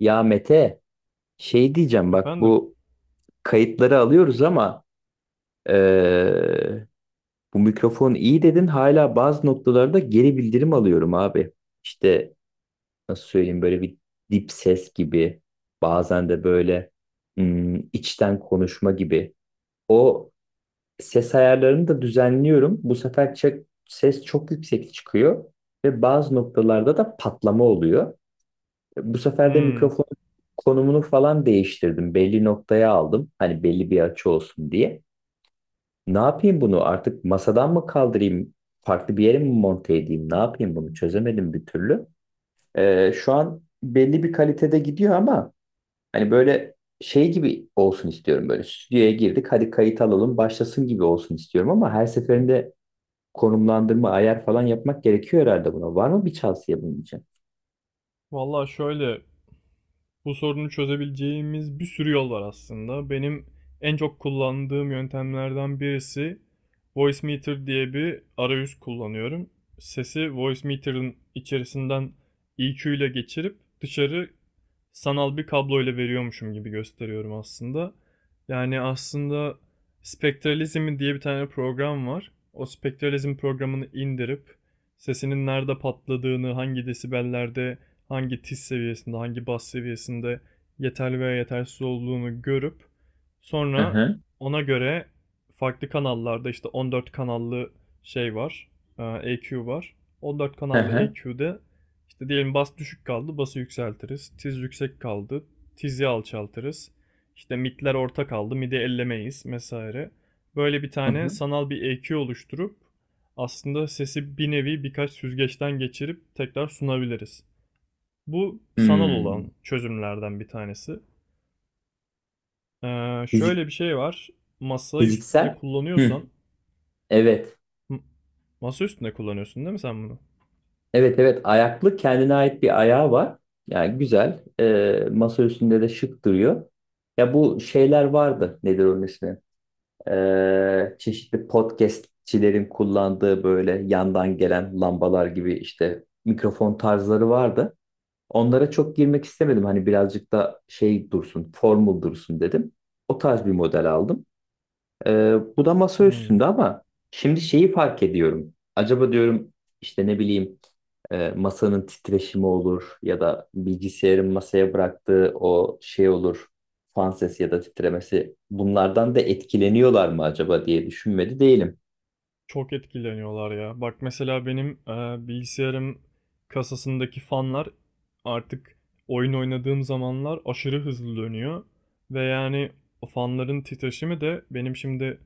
Ya Mete, şey diyeceğim bak Efendim? bu kayıtları alıyoruz ama eee, bu mikrofon iyi dedin hala bazı noktalarda geri bildirim alıyorum abi. İşte nasıl söyleyeyim, böyle bir dip ses gibi, bazen de böyle içten konuşma gibi. O ses ayarlarını da düzenliyorum. Bu sefer ses çok yüksek çıkıyor ve bazı noktalarda da patlama oluyor. Bu sefer de Hmm. mikrofon konumunu falan değiştirdim. Belli noktaya aldım. Hani belli bir açı olsun diye. Ne yapayım bunu? Artık masadan mı kaldırayım? Farklı bir yere mi monte edeyim? Ne yapayım bunu? Çözemedim bir türlü. Şu an belli bir kalitede gidiyor ama hani böyle şey gibi olsun istiyorum böyle. Stüdyoya girdik, hadi kayıt alalım, başlasın gibi olsun istiyorum ama her seferinde konumlandırma, ayar falan yapmak gerekiyor herhalde buna. Var mı bir tavsiye bunun için? Valla şöyle. Bu sorunu çözebileceğimiz bir sürü yol var aslında. Benim en çok kullandığım yöntemlerden birisi Voice Meter diye bir arayüz kullanıyorum. Sesi Voice Meter'ın içerisinden EQ ile geçirip dışarı sanal bir kablo ile veriyormuşum gibi gösteriyorum aslında. Yani aslında Spectralism diye bir tane program var. O Spectralism programını indirip sesinin nerede patladığını, hangi desibellerde hangi tiz seviyesinde, hangi bas seviyesinde yeterli veya yetersiz olduğunu görüp Hı sonra hı. ona göre farklı kanallarda işte 14 kanallı şey var, EQ var. 14 Hı kanallı hı. EQ'de işte diyelim bas düşük kaldı, bası yükseltiriz. Tiz yüksek kaldı, tizi alçaltırız. İşte midler orta kaldı, midi ellemeyiz vesaire. Böyle bir Hı tane hı. sanal bir EQ oluşturup aslında sesi bir nevi birkaç süzgeçten geçirip tekrar sunabiliriz. Bu sanal Hmm. olan çözümlerden bir tanesi. Şöyle bir şey var. Masayı üstünde Fiziksel. Hı. kullanıyorsan Evet. masa üstünde kullanıyorsun değil mi sen bunu? Evet evet, ayaklı, kendine ait bir ayağı var. Yani güzel. Masa üstünde de şık duruyor. Ya bu şeyler vardı. Nedir onun ismi? Çeşitli podcastçilerin kullandığı böyle yandan gelen lambalar gibi, işte mikrofon tarzları vardı. Onlara çok girmek istemedim. Hani birazcık da şey dursun, formal dursun dedim. O tarz bir model aldım. Bu da masa Hmm. üstünde ama şimdi şeyi fark ediyorum. Acaba diyorum, işte ne bileyim, masanın titreşimi olur ya da bilgisayarın masaya bıraktığı o şey olur. Fan sesi ya da titremesi, bunlardan da etkileniyorlar mı acaba diye düşünmedi değilim. Çok etkileniyorlar ya. Bak mesela benim bilgisayarım kasasındaki fanlar artık oyun oynadığım zamanlar aşırı hızlı dönüyor. Ve yani o fanların titreşimi de benim şimdi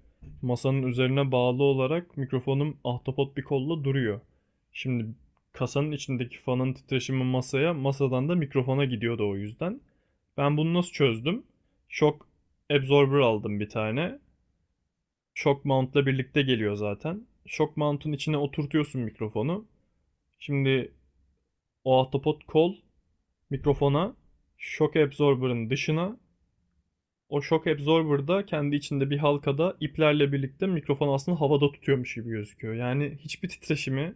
masanın üzerine bağlı olarak mikrofonum ahtapot bir kolla duruyor. Şimdi kasanın içindeki fanın titreşimi masaya, masadan da mikrofona gidiyordu o yüzden. Ben bunu nasıl çözdüm? Shock absorber aldım bir tane. Shock mount'la birlikte geliyor zaten. Shock mount'un içine oturtuyorsun mikrofonu. Şimdi o ahtapot kol mikrofona, shock absorber'ın dışına. O shock absorber da kendi içinde bir halkada iplerle birlikte mikrofon aslında havada tutuyormuş gibi gözüküyor. Yani hiçbir titreşimi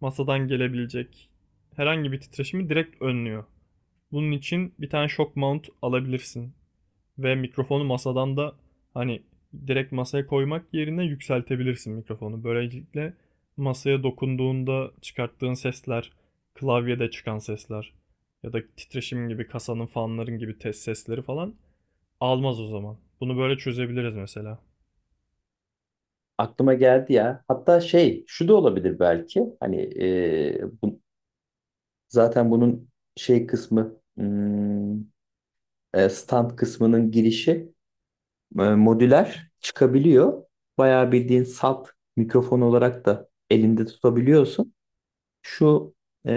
masadan gelebilecek herhangi bir titreşimi direkt önlüyor. Bunun için bir tane shock mount alabilirsin. Ve mikrofonu masadan da hani direkt masaya koymak yerine yükseltebilirsin mikrofonu. Böylelikle masaya dokunduğunda çıkarttığın sesler, klavyede çıkan sesler ya da titreşim gibi kasanın fanların gibi test sesleri falan almaz o zaman. Bunu böyle çözebiliriz mesela. Aklıma geldi ya. Hatta şey, şu da olabilir belki. Hani e, bu, zaten bunun şey kısmı stand kısmının girişi modüler çıkabiliyor. Bayağı bildiğin salt mikrofon olarak da elinde tutabiliyorsun. Şu e,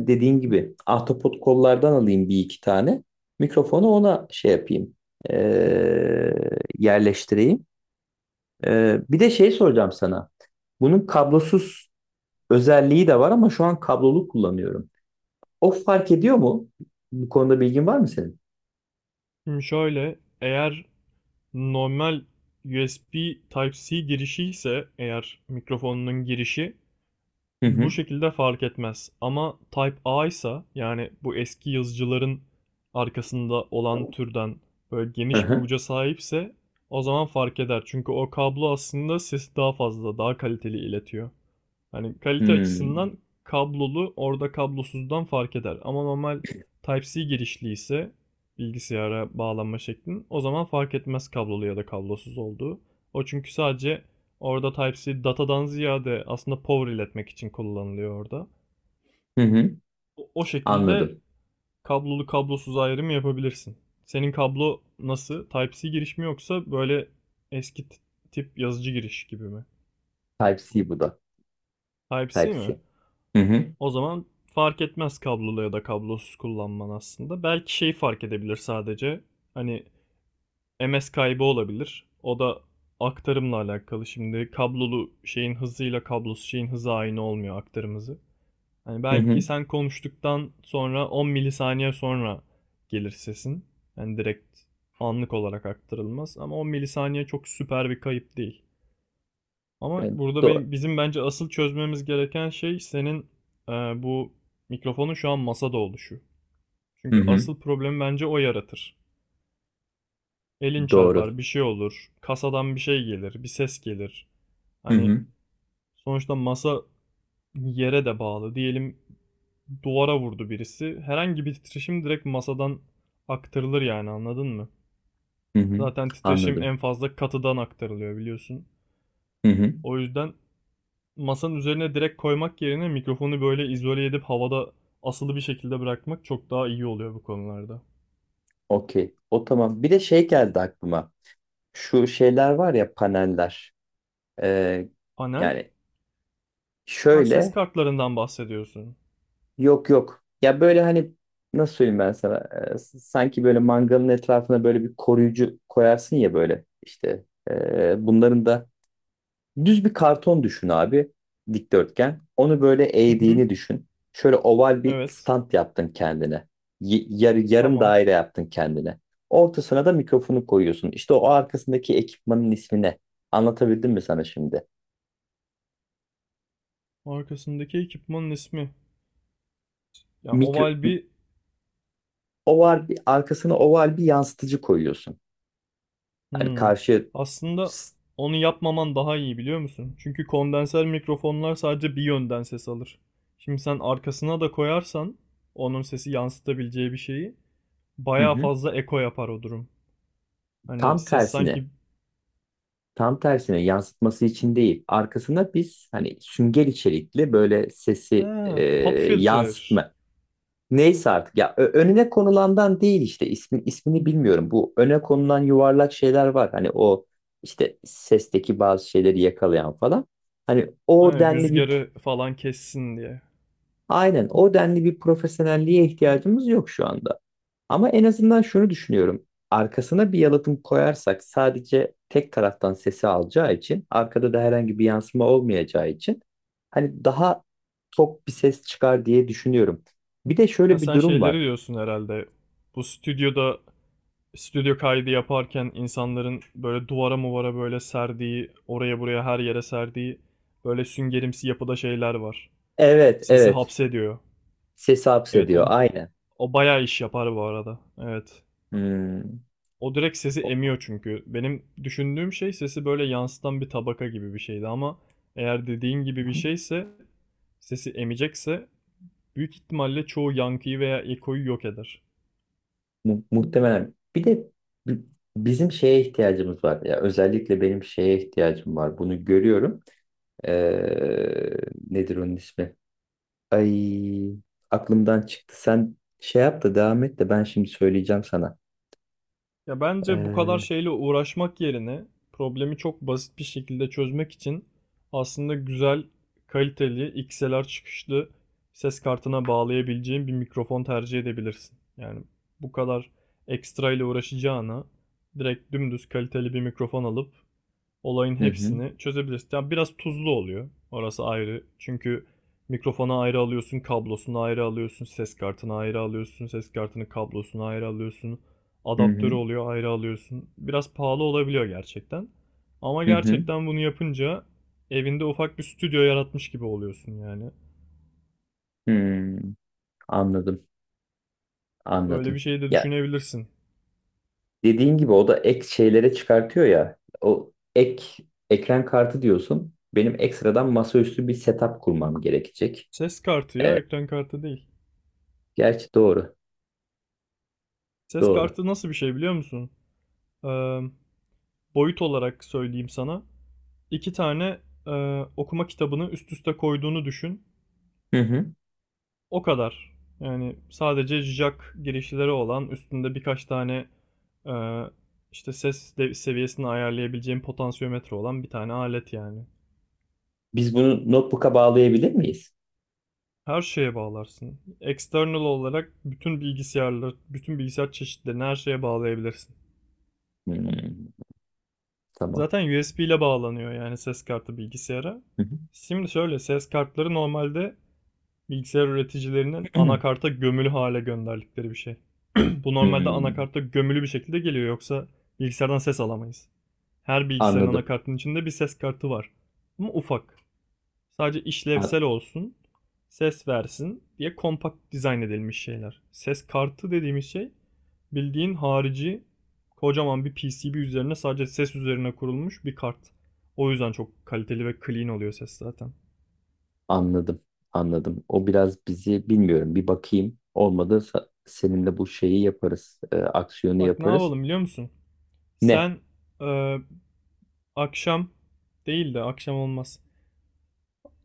dediğin gibi ahtapot kollardan alayım bir iki tane. Mikrofonu ona şey yapayım, e, yerleştireyim. Bir de şey soracağım sana. Bunun kablosuz özelliği de var ama şu an kablolu kullanıyorum. O fark ediyor mu? Bu konuda bilgin var mı senin? Şimdi şöyle, eğer normal USB Type-C girişi ise eğer mikrofonunun girişi, Hı bu hı. şekilde fark etmez. Ama Type A ise, yani bu eski yazıcıların arkasında olan türden böyle Hı geniş bir hı. uca sahipse, o zaman fark eder. Çünkü o kablo aslında sesi daha fazla, daha kaliteli iletiyor. Hani kalite Hmm. açısından kablolu orada kablosuzdan fark eder. Ama normal Type-C girişli ise bilgisayara bağlanma şeklin, o zaman fark etmez kablolu ya da kablosuz olduğu. O çünkü sadece orada Type-C datadan ziyade aslında power iletmek için kullanılıyor orada. Hı hı. O şekilde Anladım. kablolu kablosuz ayrımı yapabilirsin. Senin kablo nasıl? Type-C giriş mi yoksa böyle eski tip yazıcı giriş gibi mi? Type-C bu da. Type-C mi? Type-C. Hı hı. O zaman fark etmez kablolu ya da kablosuz kullanman aslında. Belki şeyi fark edebilir sadece. Hani MS kaybı olabilir. O da aktarımla alakalı. Şimdi kablolu şeyin hızıyla kablosuz şeyin hızı aynı olmuyor, aktarım hızı. Hani Hı belki hı. sen konuştuktan sonra 10 milisaniye sonra gelir sesin. Yani direkt anlık olarak aktarılmaz ama 10 milisaniye çok süper bir kayıp değil. Ama Ben burada doğru. benim, bizim bence asıl çözmemiz gereken şey senin bu mikrofonun şu an masada oluşu. Hı Çünkü hı. asıl problemi bence o yaratır. Elin Doğru. çarpar, bir şey olur, kasadan bir şey gelir, bir ses gelir. Hı Hani hı. sonuçta masa yere de bağlı. Diyelim duvara vurdu birisi. Herhangi bir titreşim direkt masadan aktarılır yani, anladın mı? Hı hı. Zaten titreşim Anladım. en fazla katıdan aktarılıyor biliyorsun. Hı hı. O yüzden masanın üzerine direkt koymak yerine mikrofonu böyle izole edip havada asılı bir şekilde bırakmak çok daha iyi oluyor bu konularda. Okey. O tamam. Bir de şey geldi aklıma. Şu şeyler var ya, paneller. Ee, Panel? Yani Ha, ses şöyle, kartlarından bahsediyorsun. yok yok. Ya böyle, hani nasıl söyleyeyim ben sana? Sanki böyle mangalın etrafına böyle bir koruyucu koyarsın ya böyle, işte. Bunların da düz bir karton düşün abi. Dikdörtgen. Onu böyle Hı hı. eğdiğini düşün. Şöyle oval bir Evet. stand yaptın kendine. Yarım Tamam. daire yaptın kendine. Ortasına da mikrofonu koyuyorsun. İşte o arkasındaki ekipmanın ismi ne? Anlatabildim mi sana şimdi? Arkasındaki ekipmanın ismi. Ya Mikro, oval bir... oval bir, arkasına oval bir yansıtıcı koyuyorsun. Hani Hmm. karşı. Aslında onu yapmaman daha iyi, biliyor musun? Çünkü kondenser mikrofonlar sadece bir yönden ses alır. Şimdi sen arkasına da koyarsan onun sesi yansıtabileceği bir şeyi, Hı bayağı hı. fazla eko yapar o durum. Hani Tam ses sanki... tersine, tam tersine yansıtması için değil. Arkasına biz hani sünger içerikli, böyle sesi Ha, pop filter. yansıtma. Neyse artık ya, önüne konulandan değil, işte ismini bilmiyorum. Bu öne konulan yuvarlak şeyler var. Hani o işte sesteki bazı şeyleri yakalayan falan. Hani o Aynen, denli bir, rüzgarı falan kessin diye. aynen o denli bir profesyonelliğe ihtiyacımız yok şu anda. Ama en azından şunu düşünüyorum. Arkasına bir yalıtım koyarsak, sadece tek taraftan sesi alacağı için, arkada da herhangi bir yansıma olmayacağı için hani daha tok bir ses çıkar diye düşünüyorum. Bir de Ha, şöyle bir sen durum şeyleri var. diyorsun herhalde. Bu stüdyoda stüdyo kaydı yaparken insanların böyle duvara muvara böyle serdiği, oraya buraya her yere serdiği böyle süngerimsi yapıda şeyler var. Evet, Sesi evet. hapsediyor. Sesi Evet, o hapsediyor. Aynen. o bayağı iş yapar bu arada. Evet. Hmm. O direkt sesi O- emiyor çünkü. Benim düşündüğüm şey sesi böyle yansıtan bir tabaka gibi bir şeydi ama eğer dediğin gibi bir şeyse, sesi emecekse, büyük ihtimalle çoğu yankıyı veya ekoyu yok eder. Muhtemelen. Bir de bi- bizim şeye ihtiyacımız var. Ya özellikle benim şeye ihtiyacım var. Bunu görüyorum. Ee, Nedir onun ismi? Ay, aklımdan çıktı. Sen şey yap da devam et, de ben şimdi söyleyeceğim sana. Ya bence bu kadar Ee, şeyle uğraşmak yerine problemi çok basit bir şekilde çözmek için aslında güzel, kaliteli, XLR çıkışlı ses kartına bağlayabileceğin bir mikrofon tercih edebilirsin. Yani bu kadar ekstra ile uğraşacağına direkt dümdüz kaliteli bir mikrofon alıp olayın hı hı, hepsini çözebilirsin. Yani biraz tuzlu oluyor. Orası ayrı. Çünkü mikrofonu ayrı alıyorsun, kablosunu ayrı alıyorsun, ses kartını ayrı alıyorsun, ses kartının kablosunu ayrı alıyorsun. hı Adaptörü hı, oluyor, ayrı alıyorsun. Biraz pahalı olabiliyor gerçekten. Ama hı hı. gerçekten bunu yapınca evinde ufak bir stüdyo yaratmış gibi oluyorsun yani. Hmm, anladım, Böyle bir anladım. şey de Ya, düşünebilirsin. dediğin gibi o da ek şeylere çıkartıyor ya. O ek, ekran kartı diyorsun. Benim ekstradan masaüstü bir setup kurmam gerekecek. Ses kartı ya, Evet, ekran kartı değil. gerçi doğru. Ses Doğru. kartı nasıl bir şey biliyor musun? Ee, boyut olarak söyleyeyim sana. 2 tane, okuma kitabını üst üste koyduğunu düşün. Hı hı. O kadar. Yani sadece jack girişleri olan, üstünde birkaç tane, eee, işte ses de seviyesini ayarlayabileceğin potansiyometre olan bir tane alet yani. Biz bunu notebook'a bağlayabilir miyiz? Her şeye bağlarsın. External olarak bütün bilgisayarları, bütün bilgisayar çeşitlerini her şeye bağlayabilirsin. Hmm, tamam. Zaten USB ile bağlanıyor yani ses kartı bilgisayara. Hı hı. Şimdi şöyle, ses kartları normalde bilgisayar üreticilerinin anakarta gömülü hale gönderdikleri bir şey. Bu normalde Hmm, anakarta gömülü bir şekilde geliyor, yoksa bilgisayardan ses alamayız. Her bilgisayarın anladım. anakartının içinde bir ses kartı var. Ama ufak. Sadece A- işlevsel olsun, ses versin diye kompakt dizayn edilmiş şeyler. Ses kartı dediğimiz şey bildiğin harici kocaman bir PCB üzerine sadece ses üzerine kurulmuş bir kart. O yüzden çok kaliteli ve clean oluyor ses zaten. anladım. Anladım. O biraz bizi, bilmiyorum. Bir bakayım. Olmadı seninle bu şeyi yaparız. Aksiyonu Bak ne yaparız. yapalım biliyor musun? Ne? Sen e, akşam değil de, akşam olmaz.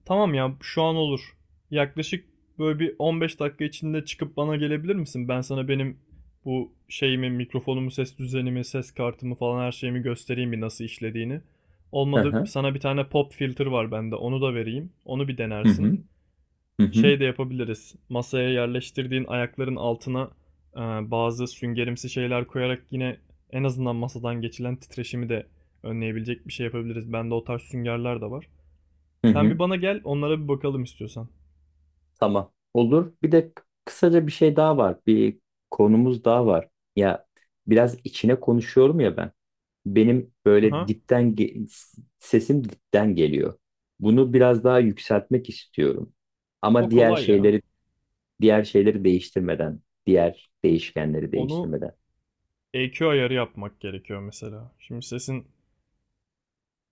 Tamam ya, şu an olur. Yaklaşık böyle bir 15 dakika içinde çıkıp bana gelebilir misin? Ben sana benim bu şeyimi, mikrofonumu, ses düzenimi, ses kartımı falan her şeyimi göstereyim bir, nasıl işlediğini. Hı Olmadı, hı. sana bir tane pop filter var bende, onu da vereyim. Onu bir Hı denersin. hı. Hı hı. Şey de yapabiliriz. Masaya yerleştirdiğin ayakların altına e, bazı süngerimsi şeyler koyarak yine en azından masadan geçilen titreşimi de önleyebilecek bir şey yapabiliriz. Bende o tarz süngerler de var. Hı Sen hı. bir bana gel, onlara bir bakalım istiyorsan. Tamam. Olur. Bir de kısaca bir şey daha var. Bir konumuz daha var. Ya, biraz içine konuşuyorum ya ben. Benim böyle Aha. Sesim dipten geliyor. Bunu biraz daha yükseltmek istiyorum. Ama O diğer kolay ya. şeyleri, diğer şeyleri değiştirmeden, diğer İşte değişkenleri onu değiştirmeden. EQ ayarı yapmak gerekiyor mesela. Şimdi sesin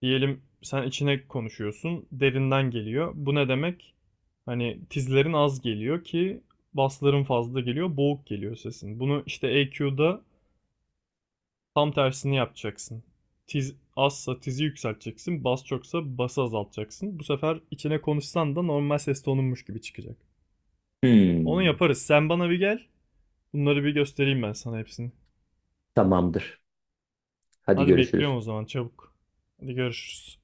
Diyelim sen içine konuşuyorsun, derinden geliyor. Bu ne demek? Hani tizlerin az geliyor ki basların fazla geliyor, boğuk geliyor sesin. Bunu işte EQ'da tam tersini yapacaksın. Tiz azsa tizi yükselteceksin, bas çoksa bası azaltacaksın. Bu sefer içine konuşsan da normal ses tonunmuş gibi çıkacak. Onu Hmm, yaparız. Sen bana bir gel. Bunları bir göstereyim ben sana hepsini. tamamdır. Hadi Hadi görüşürüz. bekliyorum o zaman, çabuk. Hadi görüşürüz.